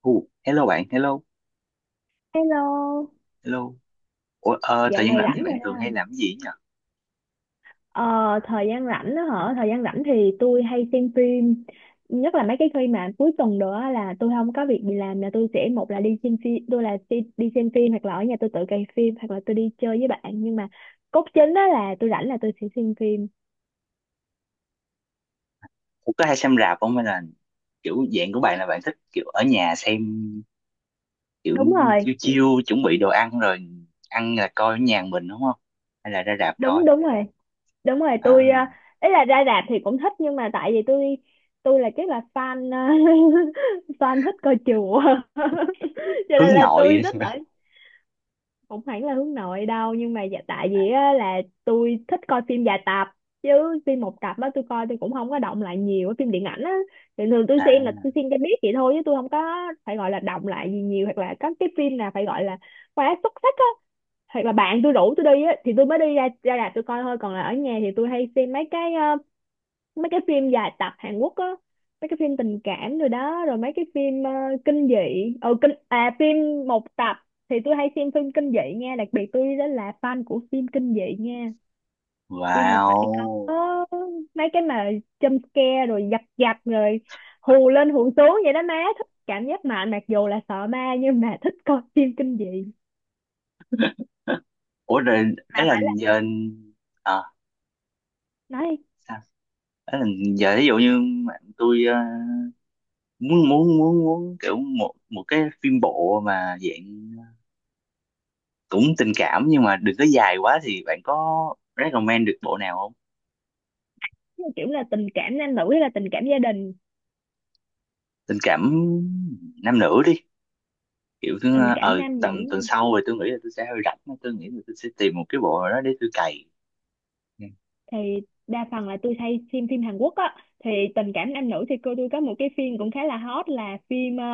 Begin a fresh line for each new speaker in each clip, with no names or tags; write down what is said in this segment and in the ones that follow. Ồ, hello bạn, hello,
Hello,
hello. Ủa,
dạo
thời gian
này
rảnh thì
rảnh
bạn
rồi.
thường
Đó.
hay làm cái gì nhỉ?
Ờ, Thời gian rảnh đó hả? Thời gian rảnh thì tôi hay xem phim, nhất là mấy cái khi mà cuối tuần nữa á, là tôi không có việc gì làm là tôi sẽ một là đi xem phim, tôi là đi xem phim hoặc là ở nhà tôi tự cày phim hoặc là tôi đi chơi với bạn, nhưng mà cốt chính đó là tôi rảnh là tôi sẽ xem phim.
Ủa, có hay xem rạp không hay là kiểu dạng của bạn là bạn thích kiểu ở nhà xem kiểu
Đúng rồi,
chiêu chiêu chuẩn bị đồ ăn rồi ăn là coi ở nhà mình đúng không? Hay là ra rạp coi?
đúng rồi, đúng rồi. Tôi
À,
ý là ra rạp thì cũng thích, nhưng mà tại vì tôi là chắc là fan fan thích coi chùa cho nên
hướng
là tôi
nội.
thích ở. Không hẳn là hướng nội đâu, nhưng mà dạ, tại vì á, là tôi thích coi phim dài tập chứ phim một tập á tôi coi tôi cũng không có động lại nhiều. Cái phim điện ảnh á thì thường tôi
À,
xem là tôi xem cho biết vậy thôi chứ tôi không có phải gọi là động lại gì nhiều, hoặc là có cái phim nào phải gọi là quá xuất sắc á, hoặc là bạn tôi rủ tôi đi á thì tôi mới đi ra ra rạp tôi coi thôi. Còn là ở nhà thì tôi hay xem mấy cái phim dài tập Hàn Quốc á, mấy cái phim tình cảm rồi đó, rồi mấy cái phim kinh dị. Ừ, kinh, à, phim một tập thì tôi hay xem phim kinh dị nha, đặc biệt tôi đó là fan của phim kinh dị nha. Phim mà phải có
wow.
mấy cái mà jump scare rồi giật giật rồi hù lên hù xuống vậy đó, má thích cảm giác mạnh, mặc dù là sợ ma nhưng mà thích coi phim kinh dị.
Ủa rồi ấy
Mà
là
phải là
giờ, à,
nói
sao? Ấy là giờ ví dụ như bạn tôi, muốn muốn muốn muốn kiểu một một cái phim bộ mà dạng cũng tình cảm nhưng mà đừng có dài quá thì bạn có recommend được bộ nào không?
kiểu là tình cảm nam nữ hay là tình cảm gia đình.
Tình cảm nam nữ đi, kiểu cứ
Tình cảm nam nữ
tầm tuần sau rồi tôi nghĩ là tôi sẽ hơi rảnh, tôi nghĩ là tôi sẽ tìm một cái bộ nào đó để tôi cày. Ừ.
thì đa phần là tôi hay xem phim Hàn Quốc á. Thì tình cảm nam nữ thì cô tôi có một cái phim cũng khá là hot là phim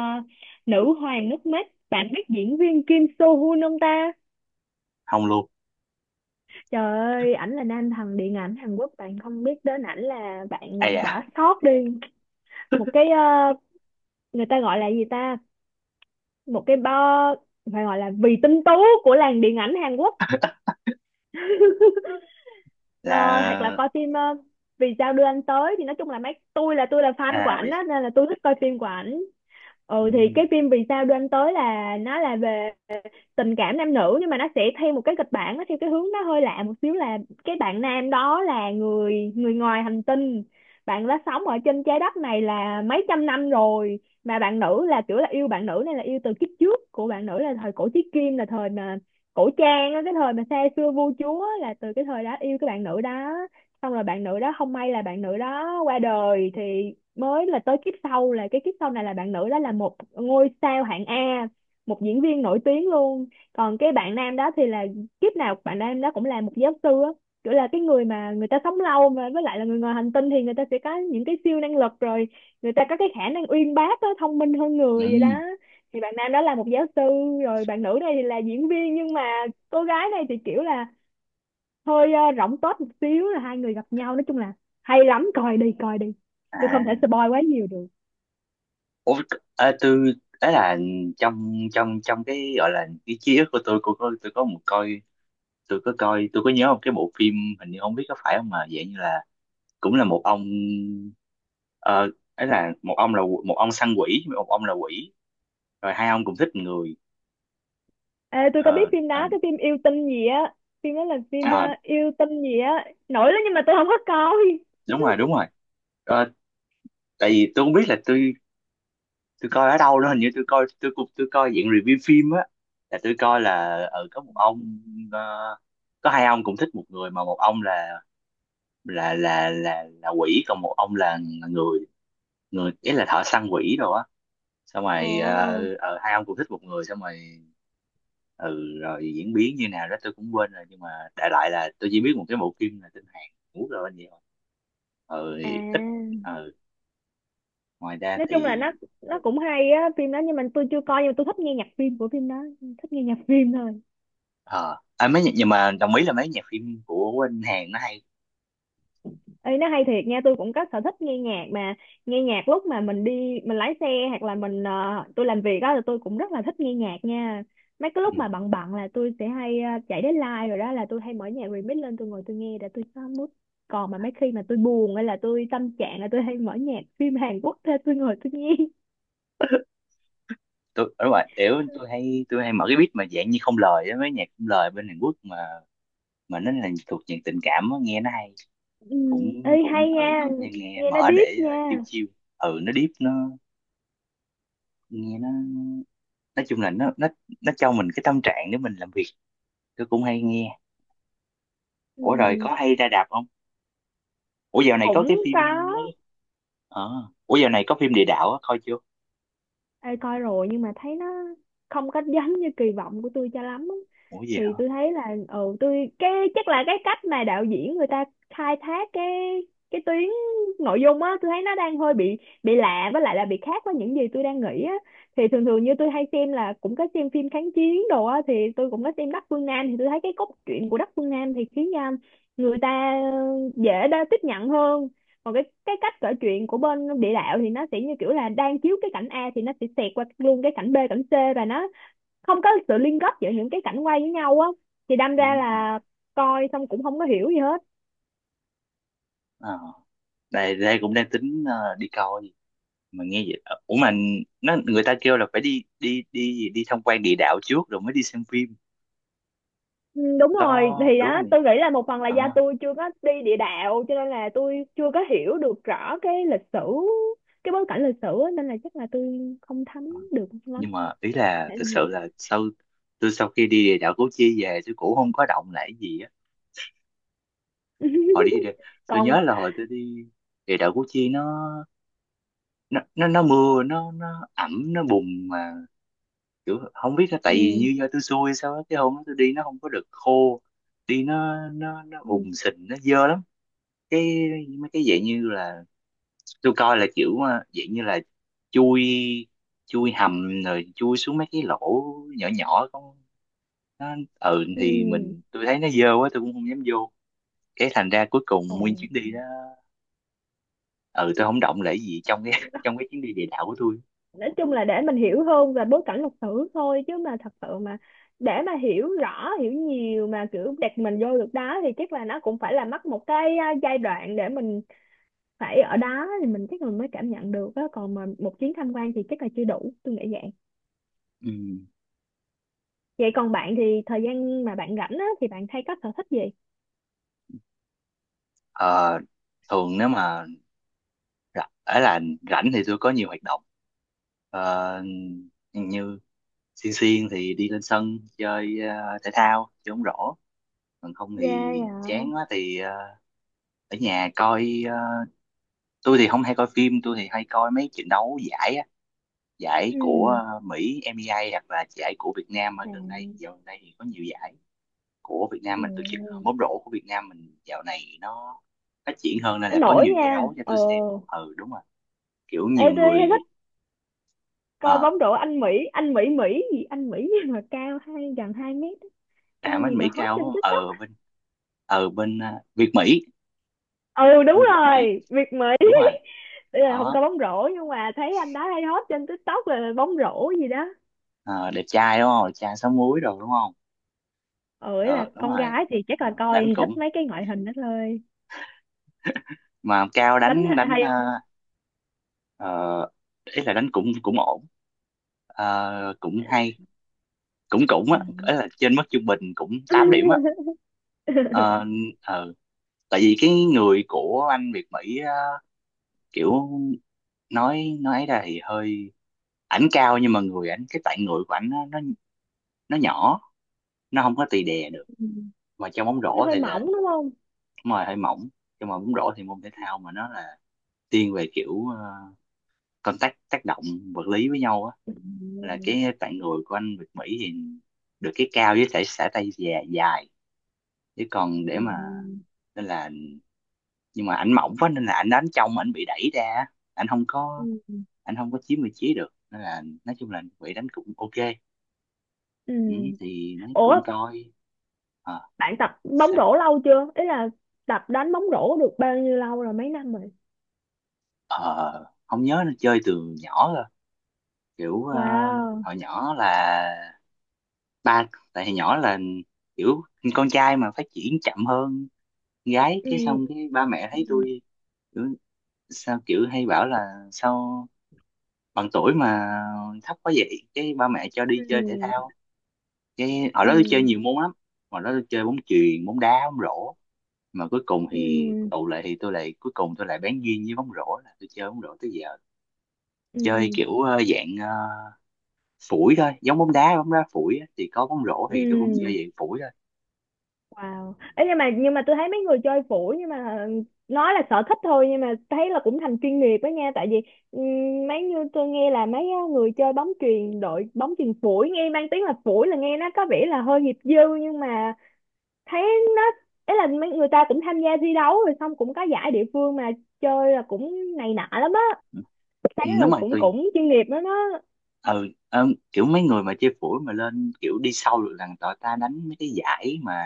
Nữ hoàng nước mắt, bạn biết diễn viên Kim So Hoon không ta?
Không luôn.
Trời ơi, ảnh là nam thần điện ảnh Hàn Quốc, bạn không biết đến ảnh là
À
bạn
dạ.
bỏ sót đi. Một cái người ta gọi là gì ta, một cái bo, phải gọi là vì tinh tú của làng điện ảnh Hàn Quốc. Ờ, hoặc là
Là.
coi phim Vì sao đưa anh tới, thì nói chung là mấy, tôi là fan của
À
ảnh
vì.
á nên là tôi thích coi phim của ảnh.
Ừ.
Ừ, thì cái phim Vì sao đưa anh tới là nó là về tình cảm nam nữ, nhưng mà nó sẽ theo một cái kịch bản, nó theo cái hướng nó hơi lạ một xíu là cái bạn nam đó là người người ngoài hành tinh, bạn đã sống ở trên trái đất này là mấy trăm năm rồi. Mà bạn nữ là kiểu là yêu bạn nữ này là yêu từ kiếp trước của bạn nữ, là thời cổ chí kim, là thời mà cổ trang á, cái thời mà xa xưa vua chúa, là từ cái thời đó yêu cái bạn nữ đó. Xong rồi bạn nữ đó không may là bạn nữ đó qua đời, thì mới là tới kiếp sau, là cái kiếp sau này là bạn nữ đó là một ngôi sao hạng A, một diễn viên nổi tiếng luôn. Còn cái bạn nam đó thì là kiếp nào bạn nam đó cũng là một giáo sư á, kiểu là cái người mà người ta sống lâu mà với lại là người ngoài hành tinh thì người ta sẽ có những cái siêu năng lực rồi, người ta có cái khả năng uyên bác á, thông minh hơn
Ừ.
người vậy đó. Thì bạn nam đó là một giáo sư, rồi bạn nữ này thì là diễn viên, nhưng mà cô gái này thì kiểu là hơi rỗng tuếch một xíu, là hai người gặp nhau, nói chung là hay lắm, coi đi coi đi, tôi không thể
À.
spoil quá nhiều được.
Ủa, à, tôi, ấy là trong trong trong cái gọi là cái ký ức của tôi, cô có tôi có một coi tôi có nhớ một cái bộ phim, hình như không biết có phải không mà dạng như là cũng là một ông, ờ, là một ông săn quỷ, một ông là quỷ, rồi hai ông cùng thích người.
Ê, tôi có biết
Ờ,
phim
à,
đó, cái phim yêu tinh gì á, phim đó là phim
à,
yêu tinh gì á, nổi lắm nhưng mà tôi không có coi.
đúng rồi đúng rồi. Ờ, tại vì tôi không biết là tôi coi ở đâu đó, hình như tôi coi dạng review phim á, là tôi coi là ở có một ông, ờ, có hai ông cùng thích một người mà một ông là quỷ, còn một ông là người, người ý là thợ săn quỷ rồi á, xong rồi
Ồ,
hai ông cùng thích một người. Xong rồi ừ, rồi diễn biến như nào đó tôi cũng quên rồi, nhưng mà đại loại là tôi chỉ biết một cái bộ phim là tên Hàn Quốc rồi, anh vậy thôi. Ừ thì ít.
à,
Ừ. Ngoài ra
nói chung là
thì.
nó
Ừ.
cũng hay á, phim đó nhưng mà tôi chưa coi, nhưng mà tôi thích nghe nhạc phim của phim đó, thích nghe nhạc phim thôi.
Ờ, nhưng mà đồng ý là mấy nhạc phim của anh Hàn nó hay.
Ê, nó hay thiệt nha, tôi cũng có sở thích nghe nhạc mà. Nghe nhạc lúc mà mình đi, mình lái xe, hoặc là mình tôi làm việc đó, là tôi cũng rất là thích nghe nhạc nha. Mấy cái lúc
Ừ.
mà bận bận là tôi sẽ hay chạy đến live rồi đó, là tôi hay mở nhạc remix lên tôi ngồi tôi nghe để tôi có mood. Còn mà mấy khi mà tôi buồn hay là tôi tâm trạng, là tôi hay mở nhạc phim Hàn Quốc ra tôi ngồi tôi nghe.
Tôi ở ngoài kiểu tôi hay mở cái beat mà dạng như không lời á, mấy nhạc không lời bên Hàn Quốc, mà nó là thuộc dạng tình cảm á, nghe nó hay,
Ừ, ê
cũng
hay
cũng
nha,
ừ cũng hay nghe
nghe nó
mở
deep
để
nha.
chill chill. Ừ nó deep, nó nghe nó, nói chung là nó cho mình cái tâm trạng để mình làm việc, tôi cũng hay nghe.
Ừ,
Ủa rồi có hay ra đạp không? ủa dạo này có cái
cũng
phim
có.
mấy ờ ủa dạo này có phim địa đạo á, coi chưa?
Ê, coi rồi, nhưng mà thấy nó không có giống như kỳ vọng của tôi cho lắm á.
Ủa gì hả?
Thì tôi thấy là, ừ, tôi cái chắc là cái cách mà đạo diễn người ta khai thác cái tuyến nội dung á, tôi thấy nó đang hơi bị lạ, với lại là bị khác với những gì tôi đang nghĩ á. Thì thường thường như tôi hay xem là cũng có xem phim kháng chiến đồ á, thì tôi cũng có xem Đắc Phương Nam, thì tôi thấy cái cốt truyện của Đắc Phương Nam thì khiến người ta dễ đa tiếp nhận hơn. Còn cái cách kể chuyện của bên địa đạo thì nó sẽ như kiểu là đang chiếu cái cảnh A thì nó sẽ xẹt qua luôn cái cảnh B cảnh C, và nó không có sự liên kết giữa những cái cảnh quay với nhau á, thì đâm
Ừ.
ra là coi xong cũng không có hiểu gì hết.
Ờ, đây đây cũng đang tính đi coi, mà nghe vậy ủa mà nó, người ta kêu là phải đi đi đi gì, đi tham quan địa đạo trước rồi mới đi xem phim
Ừ, đúng rồi,
đó,
thì
đúng
đó
không nhỉ?
tôi nghĩ là một phần là do
Ờ.
tôi chưa có đi địa đạo, cho nên là tôi chưa có hiểu được rõ cái lịch sử, cái bối cảnh lịch sử á, nên là chắc là tôi không thấm được lắm.
Nhưng mà ý
Có
là
thể là
thực
như
sự là sau khi đi địa đạo Củ Chi về tôi cũng không có động lại gì á.
vậy.
hồi đi địa- tôi
Còn
nhớ là hồi tôi đi địa đạo Củ Chi nó mưa, nó ẩm, nó bùn, mà kiểu không biết là tại vì
ừ,
như do tôi xui sao á, cái hôm đó tôi đi nó không có được khô, đi nó
ừ,
bùn sình nó dơ lắm. Cái mấy cái dạng như là tôi coi là kiểu dạng như là chui chui hầm rồi chui xuống mấy cái lỗ nhỏ nhỏ con, nó ừ
ừ.
thì tôi thấy nó dơ quá tôi cũng không dám vô. Cái thành ra cuối cùng
Ồ.
nguyên chuyến đi đó ừ tôi không động lại gì trong cái trong cái chuyến đi địa đạo của tôi.
Nói chung là để mình hiểu hơn về bối cảnh lịch sử thôi, chứ mà thật sự mà để mà hiểu rõ hiểu nhiều mà kiểu đặt mình vô được đó thì chắc là nó cũng phải là mất một cái giai đoạn để mình phải ở đó thì mình chắc mình mới cảm nhận được á, còn mà một chuyến tham quan thì chắc là chưa đủ, tôi nghĩ vậy.
Ừ.
Vậy còn bạn thì thời gian mà bạn rảnh á thì bạn hay có sở thích gì?
Ờ, thường nếu mà rảnh, ấy là rảnh thì tôi có nhiều hoạt động. Ờ, như xiên xiên thì đi lên sân chơi, thể thao, chơi bóng rổ. Còn không
Ghê.
thì
À.
chán quá thì ở nhà coi, tôi thì không hay coi phim, tôi thì hay coi mấy trận đấu giải á, giải của
Ừ.
Mỹ, NBA, hoặc là giải của Việt Nam. Ở gần
À.
đây dạo gần đây thì có nhiều giải của Việt Nam
Ừ.
mình tổ chức, bóng rổ của Việt Nam mình dạo này nó phát triển hơn nên là có
Nổi
nhiều giải
nha.
đấu cho
Ờ,
tôi xem. Ừ đúng rồi, kiểu
ê,
nhiều
tôi
người.
thích
ờ
coi bóng rổ anh Mỹ, anh Mỹ Mỹ gì, anh Mỹ nhưng mà cao hai, gần hai mét, cái
à,
anh gì
bên
mà
Mỹ
hot
cao
trên
đúng không?
TikTok.
Ờ bên ờ bên à, Việt Mỹ,
Ừ, đúng
anh Việt Mỹ,
rồi, Việt Mỹ.
đúng rồi
Ý là không
đó.
có bóng rổ, nhưng mà thấy anh đó hay hot trên TikTok là bóng rổ gì đó.
Ờ, đẹp trai đúng không, đẹp trai sáu múi rồi đúng không?
Ừ, ý
Ờ
là
đúng
con
rồi.
gái thì chắc
Ờ,
là coi
đánh
thì thích
cũng,
mấy cái ngoại hình đó thôi.
mà cao
Đánh
đánh đánh
hay
à,
không?
ờ, ý là đánh cũng cũng ổn. Ờ, cũng hay, cũng cũng á,
Ừ.
ý là trên mức trung bình, cũng 8 điểm á. Ờ, ờ. Tại vì cái người của anh Việt Mỹ á, kiểu nói ấy ra thì hơi, ảnh cao nhưng mà người ảnh, cái tạng người của ảnh nó, nó nhỏ, nó không có tì đè được, mà trong bóng
Nó
rổ
hơi
thì là,
mỏng đúng không?
đúng rồi, hơi mỏng. Nhưng mà bóng rổ thì môn thể thao mà nó là thiên về kiểu contact, tác động vật lý với nhau á,
Ừ.
là cái tạng người của anh Việt Mỹ thì được cái cao với thể xả tay dài dài, chứ còn để
Ừ.
mà, nên là, nhưng mà ảnh mỏng quá nên là ảnh đánh trong, ảnh bị đẩy ra, ảnh không có
Ừ.
ảnh không có chiếm vị trí được, nên là nói chung là bị đánh cũng ok.
Ừ.
Ừ, thì nó
Ủa,
cũng coi. ờ
bạn tập bóng
sao?
rổ lâu chưa, ý là tập đánh bóng rổ được bao nhiêu lâu rồi, mấy năm rồi?
Ờ không nhớ, nó chơi từ nhỏ rồi, kiểu
Wow.
hồi nhỏ là ba, tại hồi nhỏ là kiểu con trai mà phát triển chậm hơn gái, cái xong
Ừ.
cái ba mẹ thấy
Ừ.
tôi kiểu, kiểu hay bảo là sao bằng tuổi mà thấp quá vậy, cái ba mẹ cho đi
Ừ.
chơi thể thao. Cái hồi đó tôi chơi
Ừ.
nhiều môn lắm, hồi đó tôi chơi bóng chuyền, bóng đá, bóng rổ, mà cuối cùng
Ừ.
thì tụ lại thì tôi lại cuối cùng tôi lại bén duyên với bóng rổ, là tôi chơi bóng rổ tới giờ.
Ừ.
Chơi kiểu dạng phủi thôi, giống bóng đá, bóng đá phủi á, thì có bóng rổ thì tôi cũng chơi
Ừ.
dạng phủi thôi.
Wow. Ấy, nhưng mà tôi thấy mấy người chơi phủi, nhưng mà nói là sở thích thôi, nhưng mà thấy là cũng thành chuyên nghiệp đó nha, tại vì ừ, mấy như tôi nghe là mấy á, người chơi bóng chuyền, đội bóng chuyền phủi, nghe mang tiếng là phủi là nghe nó có vẻ là hơi nghiệp dư, nhưng mà thấy nó, ấy là mấy người ta cũng tham gia thi đấu rồi xong cũng có giải địa phương mà chơi là cũng này nọ lắm á,
Ừ,
thấy
ừ,
là
đúng rồi
cũng
tôi,
cũng chuyên nghiệp lắm đó.
ừ, kiểu mấy người mà chơi phủi mà lên kiểu đi sâu được là tụi ta đánh mấy cái giải mà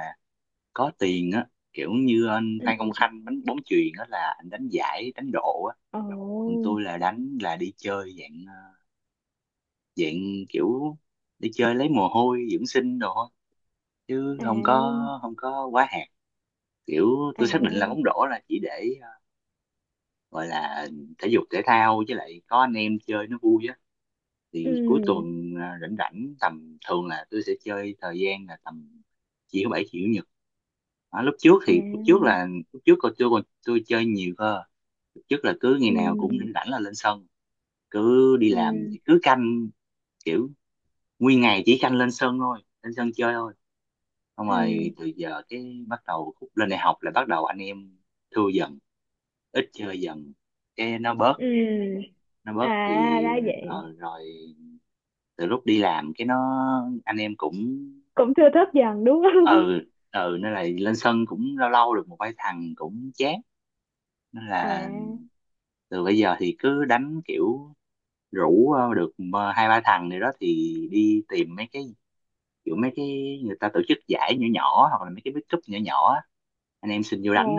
có tiền á, kiểu như anh Phan
Ừ.
Công Khanh đánh bóng chuyền á, là anh đánh giải, đánh độ á. Còn
Ồ.
tôi là đánh là đi chơi dạng dạng kiểu đi chơi lấy mồ hôi dưỡng sinh đồ, chứ không có
À.
không có quá hạn, kiểu tôi xác định là
À.
bóng rổ là chỉ để gọi là thể dục thể thao, với lại có anh em chơi nó vui á, thì cuối
Ừ.
tuần rảnh rảnh tầm thường là tôi sẽ chơi, thời gian là tầm chiều thứ bảy, chiều chủ nhật. Đó, lúc trước thì lúc trước
À.
là lúc trước còn, tôi chơi nhiều cơ, lúc trước là cứ ngày nào cũng
Ừ.
rảnh rảnh là lên sân, cứ đi làm
Ừ.
thì cứ canh kiểu, nguyên ngày chỉ canh lên sân thôi, lên sân chơi thôi. Xong rồi
Ừ.
từ giờ cái bắt đầu khúc lên đại học là bắt đầu anh em thưa dần, ít chơi dần, cái nó bớt
Ừ.
nó bớt
À
thì,
ra vậy.
ờ, rồi từ lúc đi làm cái nó, anh em cũng,
Cũng thưa thớt dần đúng
ờ
không?
nên là lên sân cũng lâu lâu được một vài thằng cũng chán, nên
À.
là từ bây giờ thì cứ đánh kiểu rủ được hai ba thằng này đó thì đi tìm mấy cái, kiểu mấy cái người ta tổ chức giải nhỏ nhỏ, hoặc là mấy cái big cup nhỏ nhỏ á, anh em xin vô
Ồ.
đánh,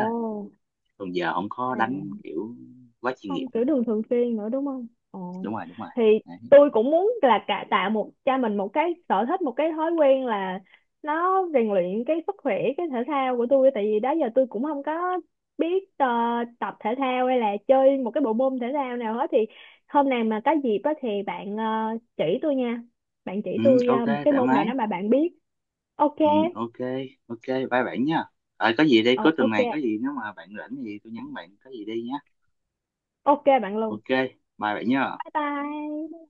còn giờ không có đánh
À,
kiểu quá chuyên nghiệp
không
nữa.
kiểu đường thường xuyên nữa đúng không? Ồ,
Đúng rồi đúng rồi.
thì
Đấy.
tôi cũng muốn là cả tạo một cho mình một cái sở thích, một cái thói quen là nó rèn luyện cái sức khỏe, cái thể thao của tôi, tại vì đó giờ tôi cũng không có biết tập thể thao hay là chơi một cái bộ môn thể thao nào hết. Thì hôm nào mà có dịp á thì bạn chỉ tôi nha, bạn chỉ
Ừ,
tôi
ok,
một cái
thoải
môn nào
mái.
đó mà bạn biết. Ok.
Ừ, ok. Ok, bye bạn nha. Ờ, có gì đây,
Ồ,
cuối tuần
ok,
này có gì nếu mà bạn rảnh thì tôi nhắn bạn có gì đi nhá.
ok bạn luôn.
Ok, bye bạn nha.
Bye bye.